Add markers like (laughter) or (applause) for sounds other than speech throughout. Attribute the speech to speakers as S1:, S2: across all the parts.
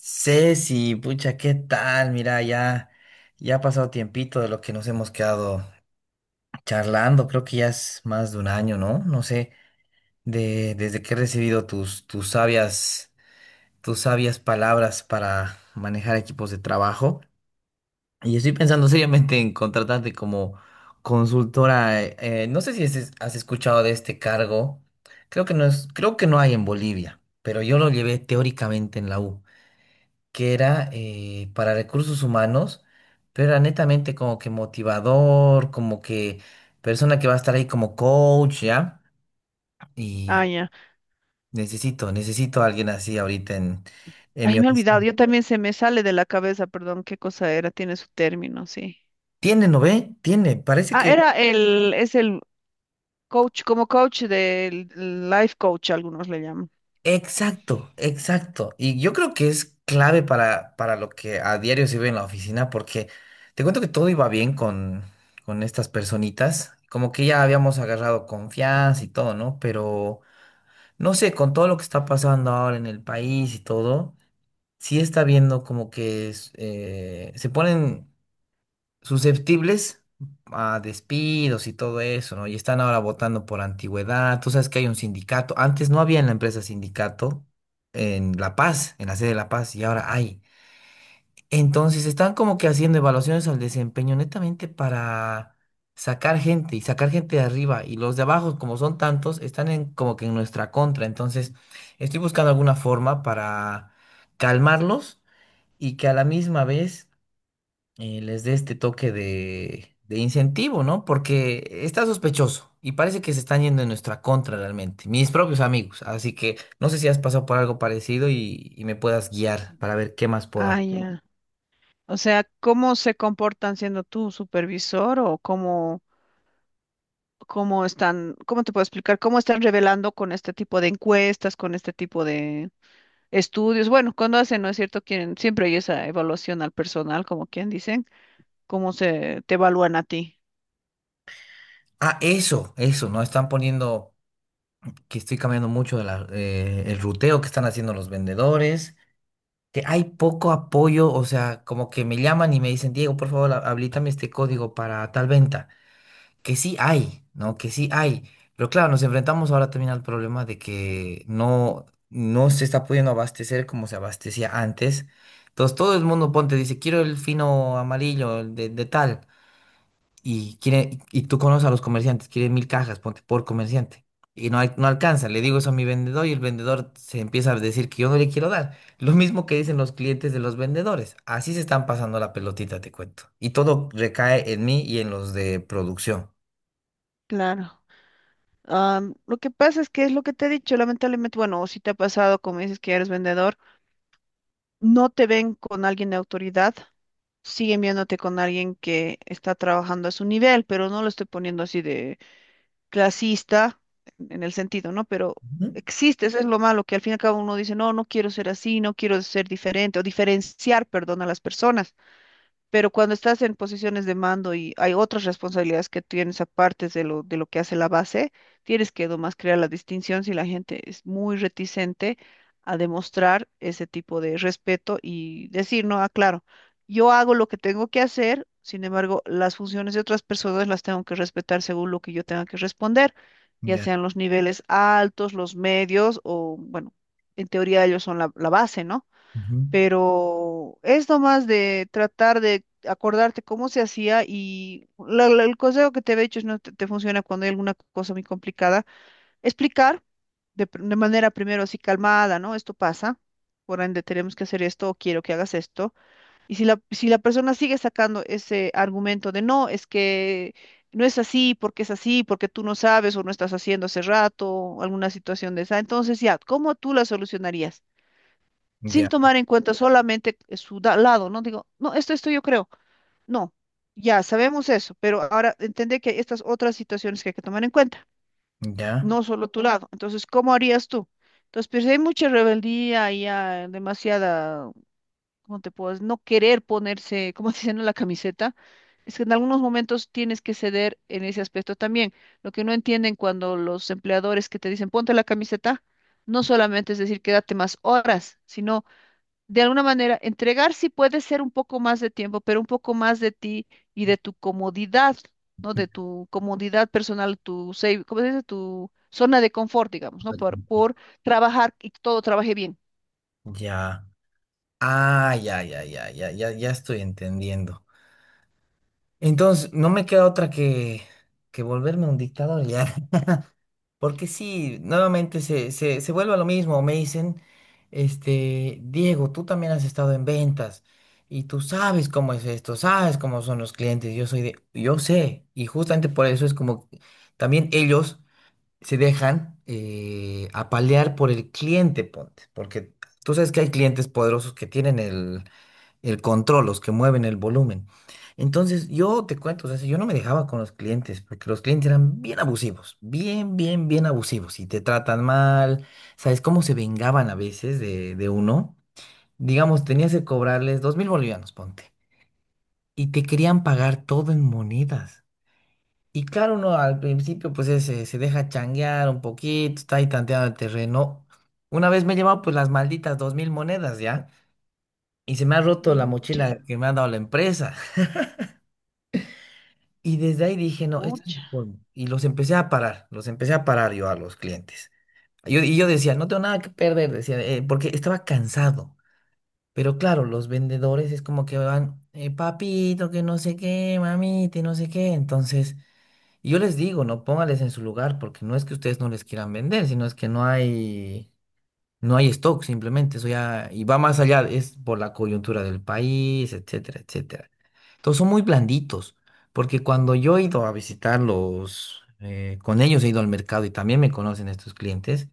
S1: Ceci, pucha, ¿qué tal? Mira, ya, ya ha pasado tiempito de lo que nos hemos quedado charlando. Creo que ya es más de un año, ¿no? No sé, desde que he recibido tus sabias palabras para manejar equipos de trabajo. Y estoy pensando seriamente en contratarte como consultora. No sé si has escuchado de este cargo. Creo que no hay en Bolivia, pero yo lo llevé teóricamente en la U. Que era para recursos humanos, pero era netamente como que motivador, como que persona que va a estar ahí como coach, ¿ya?
S2: Ah,
S1: Y
S2: ya.
S1: necesito a alguien así ahorita en
S2: Ay,
S1: mi
S2: me he olvidado.
S1: oficina.
S2: Yo también se me sale de la cabeza, perdón, qué cosa era. Tiene su término, sí.
S1: Tiene, ¿no ve? Tiene, parece
S2: Ah,
S1: que...
S2: era es el coach, como coach del life coach, algunos le llaman.
S1: Exacto, exacto. Y yo creo que es clave para lo que a diario se ve en la oficina, porque te cuento que todo iba bien con estas personitas, como que ya habíamos agarrado confianza y todo, ¿no? Pero... No sé, con todo lo que está pasando ahora en el país y todo, sí está viendo como que es, se ponen susceptibles a despidos y todo eso, ¿no? Y están ahora votando por antigüedad. Tú sabes que hay un sindicato. Antes no había en la empresa sindicato en La Paz, en la sede de La Paz, y ahora hay. Entonces están como que haciendo evaluaciones al desempeño netamente para sacar gente y sacar gente de arriba y los de abajo, como son tantos, están en, como que en nuestra contra. Entonces estoy buscando alguna forma para calmarlos y que a la misma vez les dé este toque de incentivo, ¿no? Porque está sospechoso y parece que se están yendo en nuestra contra realmente, mis propios amigos. Así que no sé si has pasado por algo parecido y me puedas guiar para ver qué más puedo hacer.
S2: Ah, ya. O sea, ¿cómo se comportan siendo tu supervisor o cómo están, cómo te puedo explicar, cómo están revelando con este tipo de encuestas, con este tipo de estudios? Bueno, cuando hacen, ¿no es cierto? Quieren, siempre hay esa evaluación al personal, como quien dicen, cómo se te evalúan a ti.
S1: Ah, eso, ¿no? Están poniendo que estoy cambiando mucho de el ruteo que están haciendo los vendedores, que hay poco apoyo, o sea, como que me llaman y me dicen, Diego, por favor, habilítame este código para tal venta, que sí hay, ¿no? Que sí hay. Pero claro, nos enfrentamos ahora también al problema de que no se está pudiendo abastecer como se abastecía antes. Entonces todo el mundo ponte, dice, quiero el fino amarillo, el de tal y quiere, y tú conoces a los comerciantes, quiere 1.000 cajas, ponte por comerciante. Y no, no alcanza, le digo eso a mi vendedor y el vendedor se empieza a decir que yo no le quiero dar. Lo mismo que dicen los clientes de los vendedores. Así se están pasando la pelotita, te cuento. Y todo recae en mí y en los de producción.
S2: Claro. Lo que pasa es que es lo que te he dicho, lamentablemente, bueno, o si te ha pasado, como dices que eres vendedor, no te ven con alguien de autoridad, siguen viéndote con alguien que está trabajando a su nivel, pero no lo estoy poniendo así de clasista en el sentido, ¿no? Pero
S1: Ujú.
S2: existe, eso es lo malo, que al fin y al cabo uno dice, no, no quiero ser así, no quiero ser diferente o diferenciar, perdón, a las personas. Pero cuando estás en posiciones de mando y hay otras responsabilidades que tienes aparte de de lo que hace la base, tienes que nomás crear la distinción si la gente es muy reticente a demostrar ese tipo de respeto y decir, no, ah, claro, yo hago lo que tengo que hacer, sin embargo, las funciones de otras personas las tengo que respetar según lo que yo tenga que responder, ya
S1: Ya,
S2: sean los niveles altos, los medios o, bueno, en teoría ellos son la base, ¿no?
S1: ujú,
S2: Pero es nomás de tratar de acordarte cómo se hacía y el consejo que te he hecho es no te funciona cuando hay alguna cosa muy complicada, explicar de manera primero así calmada, ¿no? Esto pasa, por ende tenemos que hacer esto o quiero que hagas esto. Y si la persona sigue sacando ese argumento de no, es que no es así, porque es así, porque tú no sabes o no estás haciendo hace rato, o alguna situación de esa, entonces ya, ¿cómo tú la solucionarías? Sin
S1: ya,
S2: tomar en cuenta solamente lado, ¿no? Digo, no, esto yo creo. No, ya sabemos eso, pero ahora entender que hay estas otras situaciones que hay que tomar en cuenta,
S1: ya,
S2: no solo tu lado. Entonces, ¿cómo harías tú? Entonces, pues hay mucha rebeldía y hay demasiada, ¿cómo te puedes? No querer ponerse, como (laughs) dicen en la camiseta. Es que en algunos momentos tienes que ceder en ese aspecto también. Lo que no entienden cuando los empleadores que te dicen ponte la camiseta, no solamente es decir quédate más horas, sino de alguna manera, entregar sí puede ser un poco más de tiempo, pero un poco más de ti y de tu comodidad, ¿no? De tu comodidad personal, tu safe, ¿cómo se dice? Tu zona de confort, digamos, ¿no? Por trabajar y que todo trabaje bien.
S1: ya. Ah, ya, ya, ya, ya, ya, ya estoy entendiendo. Entonces, no me queda otra que volverme un dictador ya. Porque sí, nuevamente se vuelve a lo mismo. Me dicen, este, Diego, tú también has estado en ventas y tú sabes cómo es esto, sabes cómo son los clientes. Yo soy de, yo sé, y justamente por eso es como también ellos se dejan apalear por el cliente, ponte, porque tú sabes que hay clientes poderosos que tienen el control, los que mueven el volumen. Entonces, yo te cuento, o sea, si yo no me dejaba con los clientes, porque los clientes eran bien abusivos, bien, bien, bien abusivos, y te tratan mal, ¿sabes cómo se vengaban a veces de uno? Digamos, tenías que cobrarles 2.000 bolivianos, ponte, y te querían pagar todo en monedas. Y claro, uno al principio, pues se deja changuear un poquito, está ahí tanteando el terreno. Una vez me he llevado, pues, las malditas 2.000 monedas, ¿ya? Y se me ha roto la
S2: Mucha,
S1: mochila que me ha dado la empresa. Y desde ahí dije, no, esto es
S2: mucha.
S1: el colmo. Y los empecé a parar, los empecé a parar yo a los clientes. Yo decía, no tengo nada que perder, decía, porque estaba cansado. Pero claro, los vendedores es como que van, papito, que no sé qué, mamita, y no sé qué. Entonces, y yo les digo, no, póngales en su lugar, porque no es que ustedes no les quieran vender, sino es que no hay stock, simplemente eso ya, y va más allá, es por la coyuntura del país, etcétera, etcétera. Entonces son muy blanditos, porque cuando yo he ido a visitarlos, con ellos he ido al mercado y también me conocen estos clientes,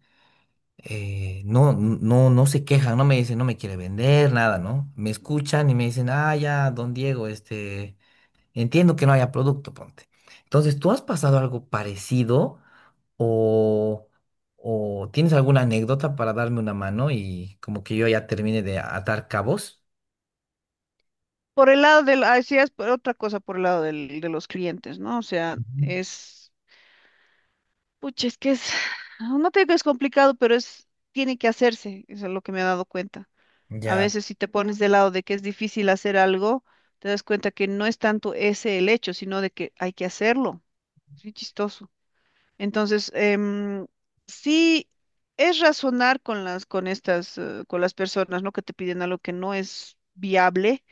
S1: no se quejan, no me dicen, no me quiere vender, nada, ¿no? Me escuchan y me dicen, ah, ya, don Diego, este, entiendo que no haya producto, ponte. Entonces, ¿tú has pasado algo parecido? O, o tienes alguna anécdota para darme una mano y como que yo ya termine de atar cabos.
S2: Por el lado del sí, es por otra cosa por el lado de los clientes, ¿no? O sea,
S1: Ujú.
S2: pucha, es que (sighs) no te digo que es complicado, pero es, tiene que hacerse, eso es lo que me he dado cuenta. A
S1: Ya.
S2: veces si te pones del lado de que es difícil hacer algo, te das cuenta que no es tanto ese el hecho, sino de que hay que hacerlo. Es muy chistoso. Entonces, sí es razonar con con estas, con las personas, ¿no? Que te piden algo que no es viable,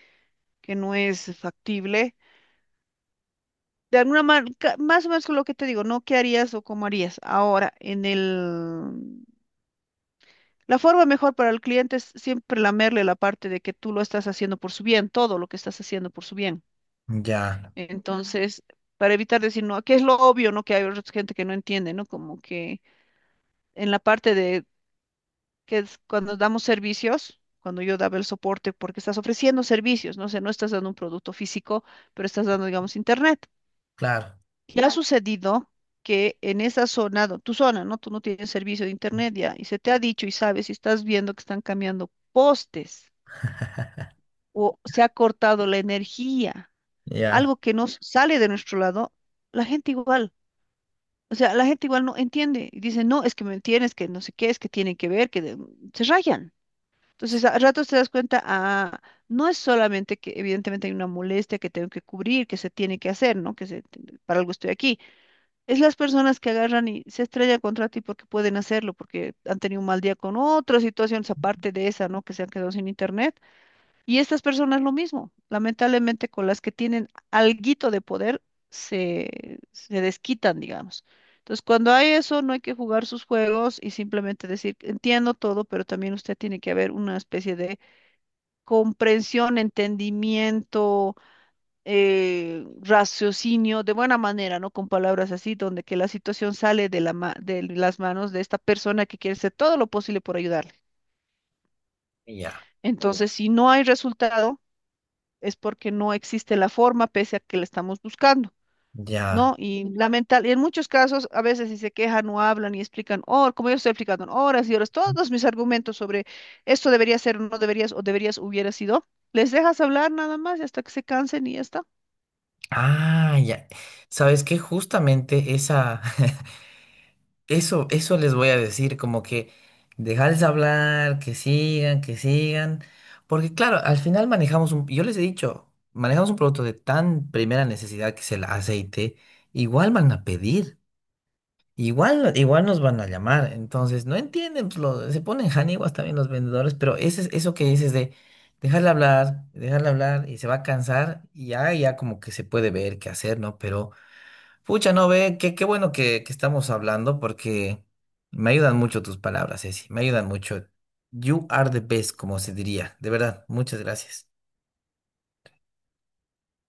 S2: que no es factible. De alguna manera, más o menos con lo que te digo, ¿no? ¿Qué harías o cómo harías? Ahora, en el... La forma mejor para el cliente es siempre lamerle la parte de que tú lo estás haciendo por su bien, todo lo que estás haciendo por su bien.
S1: Ya,
S2: Entonces, para evitar decir, no, que es lo obvio, ¿no? Que hay otra gente que no entiende, ¿no? Como que en la parte de que es cuando damos servicios, cuando yo daba el soporte, porque estás ofreciendo servicios, ¿no? O sea, no estás dando un producto físico, pero estás dando, digamos, internet.
S1: claro,
S2: Y ha Claro. sucedido que en esa zona, tu zona, ¿no? Tú no tienes servicio de internet ya, y se te ha dicho y sabes y estás viendo que están cambiando postes o se ha cortado la energía,
S1: ya,
S2: algo que nos sale de nuestro lado, la gente igual. O sea, la gente igual no entiende y dice, no, es que me entiendes que no sé qué, es que tienen que ver, se rayan. Entonces, a ratos te das cuenta, ah, no es solamente que evidentemente hay una molestia que tengo que cubrir, que se tiene que hacer, ¿no? Que se, para algo estoy aquí. Es las personas que agarran y se estrellan contra ti porque pueden hacerlo, porque han tenido un mal día con otras situaciones aparte de esa, ¿no? Que se han quedado sin internet y estas personas lo mismo, lamentablemente con las que tienen alguito de poder, se desquitan, digamos. Entonces, cuando hay eso, no hay que jugar sus juegos y simplemente decir, entiendo todo, pero también usted tiene que haber una especie de comprensión, entendimiento, raciocinio, de buena manera, ¿no? Con palabras así, donde que la situación sale de de las manos de esta persona que quiere hacer todo lo posible por ayudarle.
S1: ya,
S2: Entonces, si no hay resultado, es porque no existe la forma pese a que la estamos buscando,
S1: ya.
S2: ¿no? Y Ujú. Lamental, y en muchos casos, a veces si se quejan o hablan y explican, oh, como yo estoy explicando, en horas y horas, todos mis argumentos sobre esto debería ser o no deberías o deberías hubiera sido, les dejas hablar nada más y hasta que se cansen y ya está.
S1: Ah, ya. ¿Sabes qué? Justamente esa, (laughs) eso les voy a decir, como que dejarles hablar, que sigan, porque claro, al final manejamos un, yo les he dicho, manejamos un producto de tan primera necesidad que es el aceite, igual van a pedir. Igual, igual nos van a llamar, entonces no entienden, pues, se ponen janiguas también los vendedores, pero eso que dices de dejarle hablar y se va a cansar y ya, ya como que se puede ver qué hacer, ¿no? Pero, pucha, no ve, qué, qué bueno que estamos hablando porque me ayudan mucho tus palabras, Ceci, me ayudan mucho. You are the best, como se diría, de verdad, muchas gracias.